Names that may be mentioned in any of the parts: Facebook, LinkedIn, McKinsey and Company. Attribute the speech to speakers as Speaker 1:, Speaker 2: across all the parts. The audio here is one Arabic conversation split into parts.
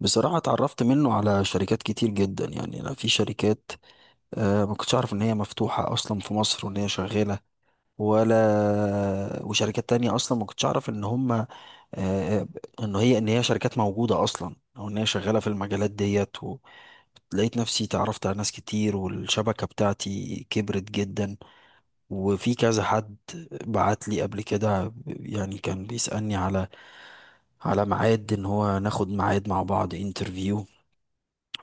Speaker 1: بصراحة اتعرفت منه على شركات كتير جدا، يعني أنا في شركات، ما كنتش أعرف إن هي مفتوحة أصلا في مصر وإن هي شغالة. ولا وشركات تانية أصلا ما كنتش أعرف إن هما، آه، آه، إن هي شركات موجودة أصلا أو إن هي شغالة في المجالات ديت لقيت نفسي اتعرفت على ناس كتير، والشبكة بتاعتي كبرت جدا. وفي كذا حد بعت لي قبل كده، يعني كان بيسألني على ميعاد ان هو ناخد ميعاد مع بعض انترفيو.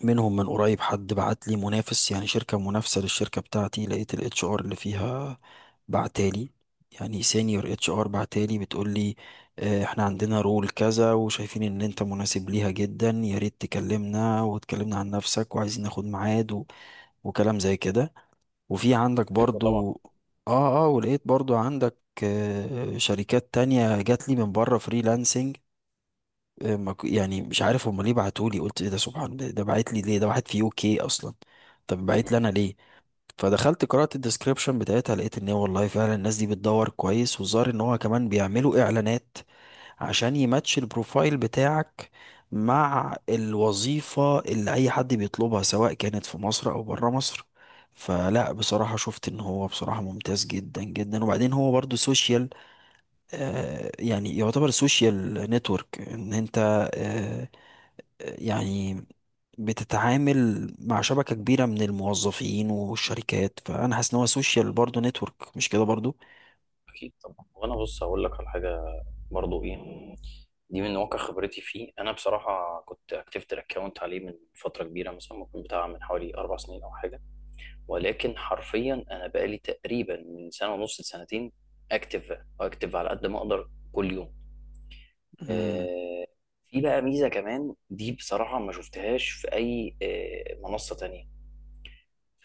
Speaker 1: منهم من قريب حد بعت لي منافس، يعني شركة منافسة للشركة بتاعتي، لقيت الاتش ار اللي فيها بعتالي، يعني سينيور اتش ار بعتالي بتقول لي: احنا عندنا رول كذا وشايفين ان انت مناسب ليها جدا، يا ريت تكلمنا وتكلمنا عن نفسك وعايزين ناخد ميعاد وكلام زي كده. وفي عندك
Speaker 2: حلو طبعا.
Speaker 1: برضو، اه ولقيت برضو عندك شركات تانية جات لي من بره فريلانسنج. آه، ما ك- يعني مش عارف هما ليه بعتولي، قلت ايه ده؟ سبحان! ده بعت لي ليه؟ ده واحد في يو كي اصلا، طب بعت لي
Speaker 2: مم.
Speaker 1: انا ليه؟ فدخلت قرأت الديسكريبشن بتاعتها، لقيت ان هي والله فعلا الناس دي بتدور كويس، والظاهر ان هو كمان بيعملوا اعلانات عشان يماتش البروفايل بتاعك مع الوظيفة اللي اي حد بيطلبها، سواء كانت في مصر او برا مصر. فلا بصراحة شفت ان هو بصراحة ممتاز جدا جدا. وبعدين هو برضو سوشيال، يعني يعتبر سوشيال نتورك، ان انت يعني بتتعامل مع شبكة كبيرة من الموظفين والشركات. فأنا حاسس إن هو سوشيال برضه نتورك، مش كده برضه؟
Speaker 2: اكيد طبعا، وانا بص هقول لك على حاجه برضو ايه. دي من واقع خبرتي فيه. انا بصراحه كنت اكتفت الاكونت عليه من فتره كبيره، مثلا ممكن بتاع من حوالي 4 سنين او حاجه، ولكن حرفيا انا بقالي تقريبا من سنه ونص لسنتين اكتف اكتف على قد ما اقدر كل يوم.
Speaker 1: امم.
Speaker 2: آه، في بقى ميزه كمان دي بصراحه ما شفتهاش في اي منصه تانية.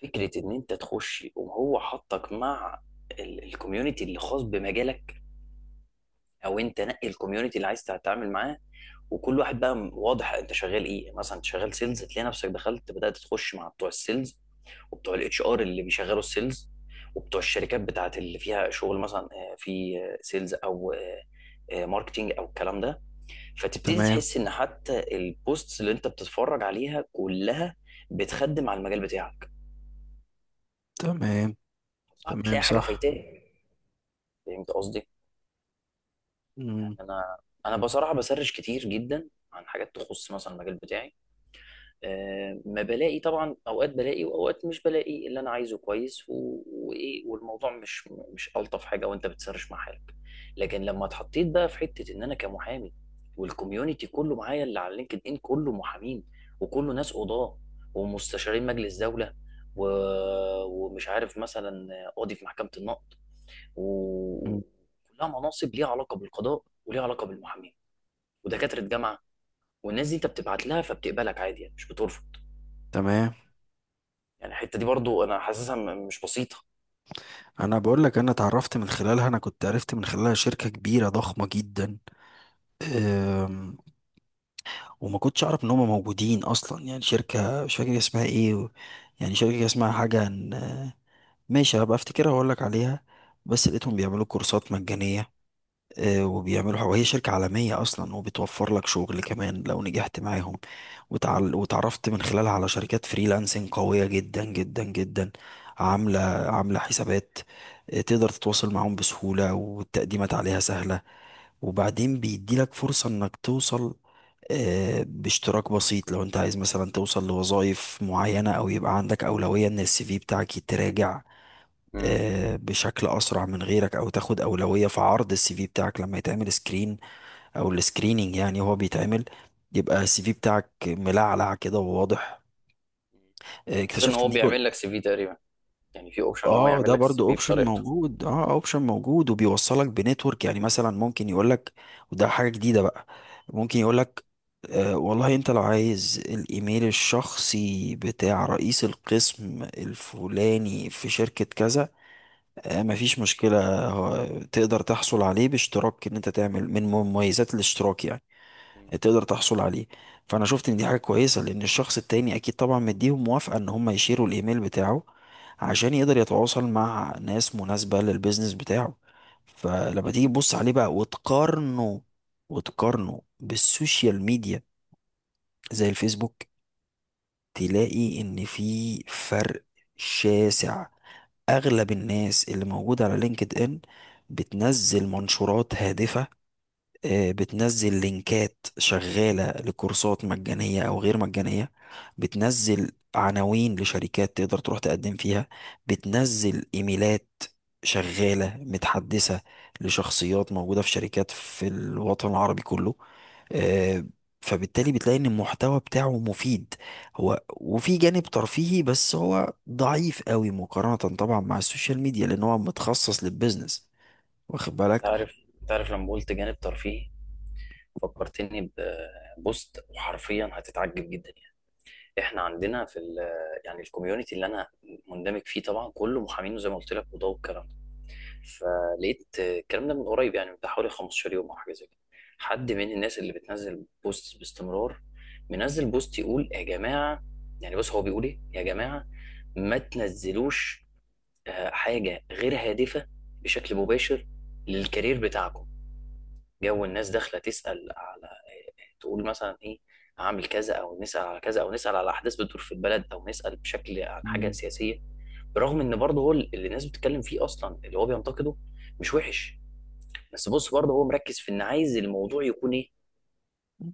Speaker 2: فكرة إن أنت تخش وهو حطك مع الكوميونتي اللي خاص بمجالك، أو أنت نقي الكوميونتي اللي عايز تتعامل معاه، وكل واحد بقى واضح أنت شغال إيه. يعني مثلا أنت شغال سيلز، هتلاقي نفسك دخلت بدأت تخش مع بتوع السيلز وبتوع الاتش ار اللي بيشغلوا السيلز وبتوع الشركات بتاعت اللي فيها شغل مثلا في سيلز أو ماركتينج أو الكلام ده. فتبتدي
Speaker 1: تمام.
Speaker 2: تحس إن حتى البوستس اللي أنت بتتفرج عليها كلها بتخدم على المجال بتاعك.
Speaker 1: تمام.
Speaker 2: صعب
Speaker 1: تمام
Speaker 2: تلاقي حاجة
Speaker 1: صح.
Speaker 2: فايتاك. فهمت قصدي؟
Speaker 1: امم.
Speaker 2: انا انا بصراحه بسرش كتير جدا عن حاجات تخص مثلا المجال بتاعي. أه ما بلاقي، طبعا اوقات بلاقي واوقات مش بلاقي اللي انا عايزه كويس، وايه، والموضوع مش الطف حاجه وانت بتسرش مع حالك. لكن لما اتحطيت بقى في حته ان انا كمحامي، والكوميونتي كله معايا اللي على لينكد ان كله محامين، وكله ناس قضاه ومستشارين مجلس دوله و... ومش عارف مثلا قاضي في محكمه النقض،
Speaker 1: أمم.
Speaker 2: وكلها مناصب ليها علاقه بالقضاء وليها علاقه بالمحامين ودكاتره جامعه. والناس دي انت بتبعت لها فبتقبلك عادي، يعني مش بترفض.
Speaker 1: تمام.
Speaker 2: يعني الحته دي برضو انا حاسسها مش بسيطه.
Speaker 1: أنا بقول لك، أنا اتعرفت من خلالها، أنا كنت عرفت من خلالها شركة كبيرة ضخمة جدا. أم، وما كنتش أعرف إن هم موجودين أصلا، يعني شركة مش فاكر اسمها إيه يعني شركة اسمها حاجة ماشي، هبقى أفتكرها وأقول لك عليها. بس لقيتهم بيعملوا كورسات مجانية، وبيعملوا حاجة، وهي شركة عالمية أصلا، وبتوفر لك شغل كمان لو نجحت معاهم. وتعرفت من خلالها على شركات فريلانسنج قوية جدا جدا جدا، عاملة
Speaker 2: مم.
Speaker 1: حسابات. تقدر تتواصل معاهم بسهولة، والتقديمات عليها سهلة. وبعدين بيديلك فرصة إنك توصل باشتراك بسيط، لو انت عايز مثلا توصل لوظائف معينة، او يبقى عندك اولوية ان السي في بتاعك يتراجع
Speaker 2: مم.
Speaker 1: بشكل اسرع من غيرك، او تاخد اولويه في عرض السي في بتاعك لما يتعمل سكرين، او السكريننج، يعني هو بيتعمل. يبقى السي في بتاعك ملعلع كده وواضح.
Speaker 2: غير ان
Speaker 1: اكتشفت
Speaker 2: هو
Speaker 1: ان دي جول.
Speaker 2: بيعمل لك سي في تقريبا، يعني في اوبشن ان هو
Speaker 1: اه،
Speaker 2: يعمل
Speaker 1: ده
Speaker 2: لك السي
Speaker 1: برضو
Speaker 2: في
Speaker 1: اوبشن
Speaker 2: بطريقته.
Speaker 1: موجود. اه، اوبشن موجود. وبيوصلك بنتورك، يعني مثلا ممكن يقولك، وده حاجة جديدة بقى، ممكن يقولك: آه والله، انت لو عايز الايميل الشخصي بتاع رئيس القسم الفلاني في شركة كذا، مفيش مشكلة، هو تقدر تحصل عليه باشتراك، ان انت تعمل من مميزات الاشتراك يعني
Speaker 2: مم.
Speaker 1: تقدر تحصل عليه. فانا شفت ان دي حاجة كويسة، لان الشخص التاني اكيد طبعا مديهم موافقة ان هم يشيروا الايميل بتاعه عشان يقدر يتواصل مع ناس مناسبة للبيزنس بتاعه. فلما تيجي
Speaker 2: اكيد.
Speaker 1: تبص عليه بقى وتقارنه بالسوشيال ميديا زي الفيسبوك، تلاقي ان في فرق شاسع. اغلب الناس اللي موجوده على لينكد ان بتنزل منشورات هادفه، بتنزل لينكات شغاله لكورسات مجانيه او غير مجانيه، بتنزل عناوين لشركات تقدر تروح تقدم فيها، بتنزل ايميلات شغاله متحدثه لشخصيات موجوده في شركات في الوطن العربي كله. آه، فبالتالي بتلاقي ان المحتوى بتاعه مفيد، هو وفي جانب ترفيهي بس هو ضعيف قوي مقارنة طبعا مع السوشيال ميديا، لان هو متخصص للبيزنس، واخد بالك؟
Speaker 2: تعرف تعرف لما قلت جانب ترفيهي، فكرتني ببوست وحرفيا هتتعجب جدا. يعني احنا عندنا في ال، يعني الكوميونتي اللي انا مندمج فيه طبعا كله محامين زي ما قلت لك وضوء والكلام. فلقيت الكلام ده من قريب، يعني من بتاع حوالي 15 يوم او حاجه زي كده، حد من الناس اللي بتنزل بوست باستمرار منزل بوست يقول يا جماعه. يعني بص هو بيقول ايه؟ يا جماعه، ما تنزلوش حاجه غير هادفه بشكل مباشر للكارير بتاعكم. جو الناس داخله تسال على، تقول مثلا ايه؟ هعمل كذا، او نسال على كذا، او نسال على احداث بتدور في البلد، او نسال بشكل عن حاجه
Speaker 1: مم.
Speaker 2: سياسيه. برغم ان برضه هو اللي الناس بتتكلم فيه اصلا اللي هو بينتقده، مش وحش. بس بص برضه هو مركز في ان عايز الموضوع يكون ايه.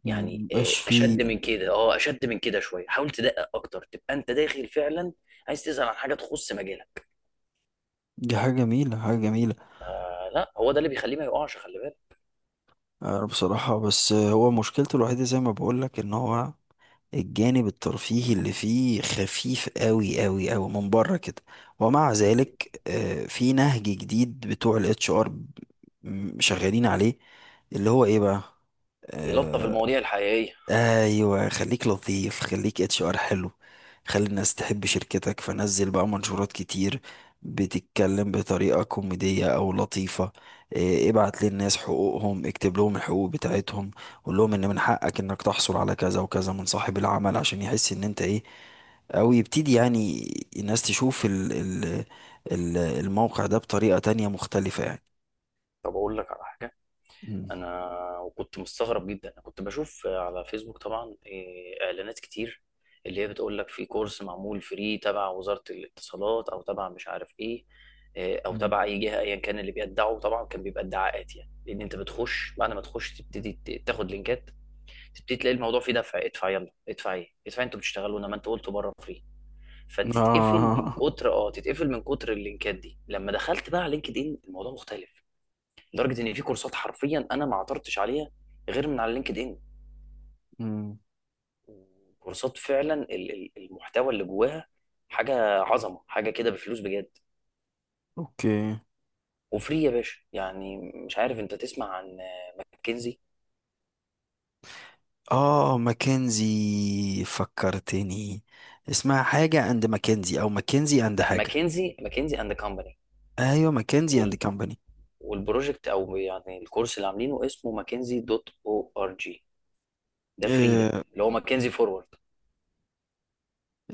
Speaker 2: يعني
Speaker 1: مبقاش فيه.
Speaker 2: اشد من كده، اه اشد من كده شويه، حاول تدقق اكتر تبقى انت داخل فعلا عايز تسال عن حاجه تخص مجالك.
Speaker 1: دي حاجة جميلة، حاجة جميلة.
Speaker 2: لا هو ده اللي بيخليه ما يقعش، خلي بالك.
Speaker 1: بصراحة بس، هو مشكلته الوحيدة زي ما بقولك ان هو الجانب الترفيهي اللي فيه خفيف قوي قوي قوي من بره كده. ومع ذلك في نهج جديد بتوع الاتش ار شغالين عليه، اللي هو ايه بقى؟
Speaker 2: يلطف
Speaker 1: آه،
Speaker 2: المواضيع الحقيقيه.
Speaker 1: ايوه، خليك لطيف، خليك اتش ار حلو، خلي الناس تحب شركتك، فنزل بقى منشورات كتير بتتكلم بطريقة كوميدية او لطيفة. ابعت للناس حقوقهم، اكتب لهم الحقوق بتاعتهم، قول لهم ان من حقك انك تحصل على كذا وكذا من صاحب العمل عشان يحس ان انت ايه، او يبتدي يعني الناس تشوف الموقع ده بطريقة تانية مختلفة يعني.
Speaker 2: طب اقول لك على حاجه.
Speaker 1: مم.
Speaker 2: انا وكنت مستغرب جدا، انا كنت بشوف على فيسبوك طبعا اعلانات كتير، اللي هي بتقول لك في كورس معمول فري تبع وزارة الاتصالات او تبع مش عارف ايه، او
Speaker 1: مم.
Speaker 2: تبع اي جهة ايا كان. اللي بيدعوا طبعا كان بيبقى ادعاءات، يعني لان انت بتخش، بعد ما تخش تبتدي تاخد لينكات، تبتدي تلاقي الموضوع فيه دفع. ادفع يلا، ادفع ايه، ادفع إيه؟ انتوا بتشتغلوا، انما انت قلت بره فري. فتتقفل من
Speaker 1: آه.
Speaker 2: كتر اه تتقفل من كتر اللينكات دي. لما دخلت بقى على لينكد ان، الموضوع مختلف، لدرجه ان في كورسات حرفيا انا ما عثرتش عليها غير من على لينكد ان.
Speaker 1: مم.
Speaker 2: كورسات فعلا المحتوى اللي جواها حاجه عظمه، حاجه كده بفلوس بجد
Speaker 1: اوكي.
Speaker 2: وفري يا باشا. يعني مش عارف انت تسمع عن ماكنزي؟
Speaker 1: اه، ماكنزي، فكرتني، اسمها حاجة اند ماكنزي او ماكنزي اند
Speaker 2: لا،
Speaker 1: حاجة.
Speaker 2: ماكنزي اند كومباني،
Speaker 1: ايوه، ماكنزي اند كمباني.
Speaker 2: والبروجكت او يعني الكورس اللي عاملينه اسمه ماكنزي دوت او ار جي. ده فري، ده
Speaker 1: إيه.
Speaker 2: اللي هو ماكنزي فورورد.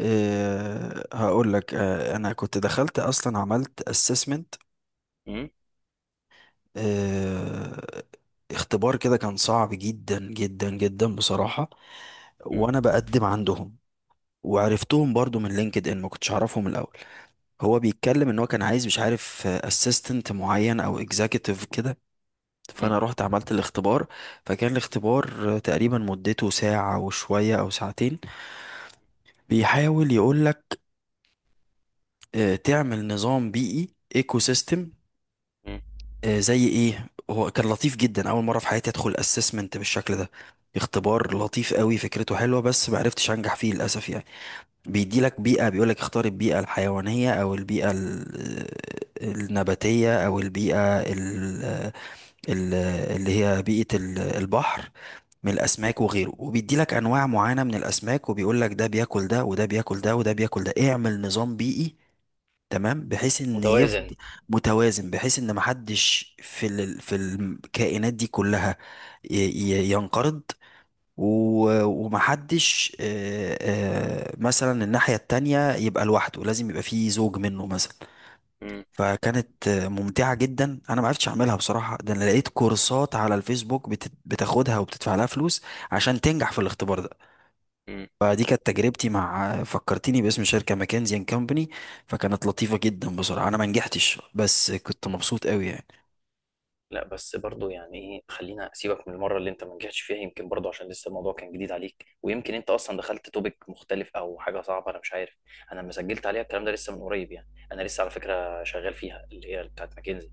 Speaker 1: إيه، هقول لك، انا كنت دخلت اصلا، عملت اسسمنت،
Speaker 2: مم،
Speaker 1: إيه، اختبار كده، كان صعب جدا جدا جدا بصراحة.
Speaker 2: مم،
Speaker 1: وانا بقدم عندهم، وعرفتهم برضو من لينكد ان، ما كنتش اعرفهم الاول. هو بيتكلم ان هو كان عايز مش عارف اسيستنت معين او اكزيكتيف كده.
Speaker 2: مم،
Speaker 1: فانا رحت عملت الاختبار، فكان الاختبار تقريبا مدته ساعة وشوية او ساعتين. بيحاول يقولك تعمل نظام بيئي، ايكو سيستم.
Speaker 2: مم،
Speaker 1: زي ايه، هو كان لطيف جدا، اول مرة في حياتي ادخل اسسمنت بالشكل ده. اختبار لطيف قوي، فكرته حلوة، بس معرفتش انجح فيه للاسف يعني.
Speaker 2: مم،
Speaker 1: بيديلك بيئة، بيقولك اختار البيئة الحيوانية او البيئة النباتية او البيئة ال- اللي هي بيئة البحر، من
Speaker 2: مم.
Speaker 1: الأسماك وغيره. وبيدي لك أنواع معينة من الأسماك، وبيقول لك ده بياكل ده وده بياكل ده وده بياكل ده، اعمل نظام بيئي تمام، بحيث ان يفضل
Speaker 2: متوازن.
Speaker 1: متوازن، بحيث ان محدش في في الكائنات دي كلها ينقرض، و... ومحدش مثلا الناحية التانية يبقى لوحده، لازم يبقى فيه زوج منه مثلا.
Speaker 2: مم،
Speaker 1: فكانت ممتعة جدا، انا ما عرفتش اعملها بصراحة. ده انا لقيت كورسات على الفيسبوك بتاخدها وبتدفع لها فلوس عشان تنجح في الاختبار ده.
Speaker 2: مم.
Speaker 1: فدي كانت تجربتي مع فكرتيني باسم شركة ماكنزي اند كومباني. فكانت لطيفة جدا بصراحة، انا ما نجحتش بس كنت مبسوط قوي يعني.
Speaker 2: لا بس برضو، يعني ايه، خلينا سيبك من المره اللي انت ما نجحتش فيها. يمكن برضو عشان لسه الموضوع كان جديد عليك، ويمكن انت اصلا دخلت توبيك مختلف او حاجه صعبه، انا مش عارف. انا لما سجلت عليها الكلام ده لسه من قريب، يعني انا لسه على فكره شغال فيها اللي هي بتاعت ماكنزي.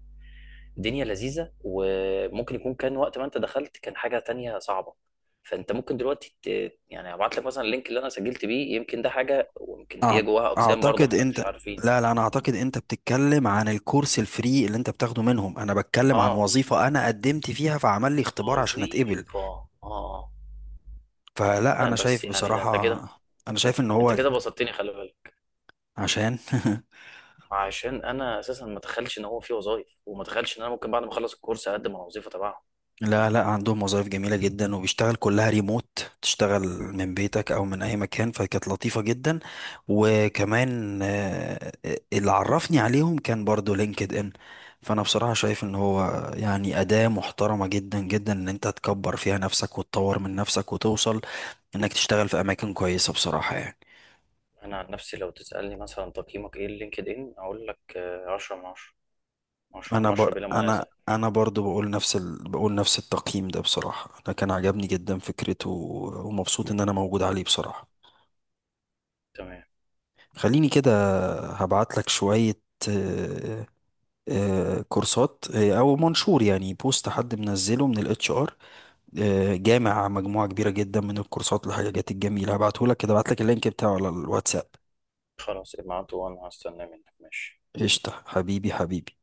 Speaker 2: الدنيا لذيذه، وممكن يكون كان وقت ما انت دخلت كان حاجه تانية صعبه. فانت ممكن دلوقتي يعني ابعت لك مثلا اللينك اللي انا سجلت بيه. يمكن ده حاجه، ويمكن
Speaker 1: أع-
Speaker 2: هي جواها اقسام برضو
Speaker 1: اعتقد
Speaker 2: احنا مش
Speaker 1: انت،
Speaker 2: عارفين.
Speaker 1: لا لا، انا اعتقد انت بتتكلم عن الكورس الفري اللي انت بتاخده منهم، انا بتكلم عن
Speaker 2: اه،
Speaker 1: وظيفة انا قدمت فيها، فعمل لي اختبار عشان اتقبل.
Speaker 2: وظيفه، اه آه.
Speaker 1: فلا
Speaker 2: لا
Speaker 1: انا
Speaker 2: بس
Speaker 1: شايف
Speaker 2: يعني ده انت
Speaker 1: بصراحة،
Speaker 2: كده،
Speaker 1: انا شايف ان
Speaker 2: انت
Speaker 1: هو،
Speaker 2: كده بسطتني خلي بالك،
Speaker 1: عشان
Speaker 2: عشان انا اساسا ما اتخيلش ان هو في وظايف، وما اتخيلش ان انا ممكن بعد ما اخلص الكورس اقدم على وظيفه تبعهم.
Speaker 1: لا لا، عندهم وظائف جميلة جدا، وبيشتغل كلها ريموت، تشتغل
Speaker 2: مم.
Speaker 1: من بيتك أو من أي مكان، فكانت لطيفة جدا. وكمان اللي عرفني عليهم كان برضو لينكد إن. فأنا بصراحة شايف إن هو يعني أداة محترمة جدا جدا، إن أنت تكبر فيها نفسك وتطور من نفسك وتوصل إنك تشتغل في أماكن كويسة بصراحة يعني.
Speaker 2: انا عن نفسي لو تسالني مثلا تقييمك ايه لينكد ان، اقول لك 10 من 10. 10 من
Speaker 1: أنا
Speaker 2: 10 بلا منازع.
Speaker 1: أنا برضو بقول نفس بقول نفس التقييم ده بصراحة. أنا كان عجبني جدا فكرته، ومبسوط إن أنا موجود عليه بصراحة.
Speaker 2: تمام.
Speaker 1: خليني كده، هبعت لك شوية آه، كورسات، او منشور، يعني بوست حد منزله من الاتش ار، جامع مجموعة كبيرة جدا من الكورسات والحاجات الجميلة. هبعته لك كده، هبعت لك اللينك بتاعه على الواتساب.
Speaker 2: خلاص ابعته وانا هستنى منك، ماشي.
Speaker 1: قشطة، حبيبي حبيبي.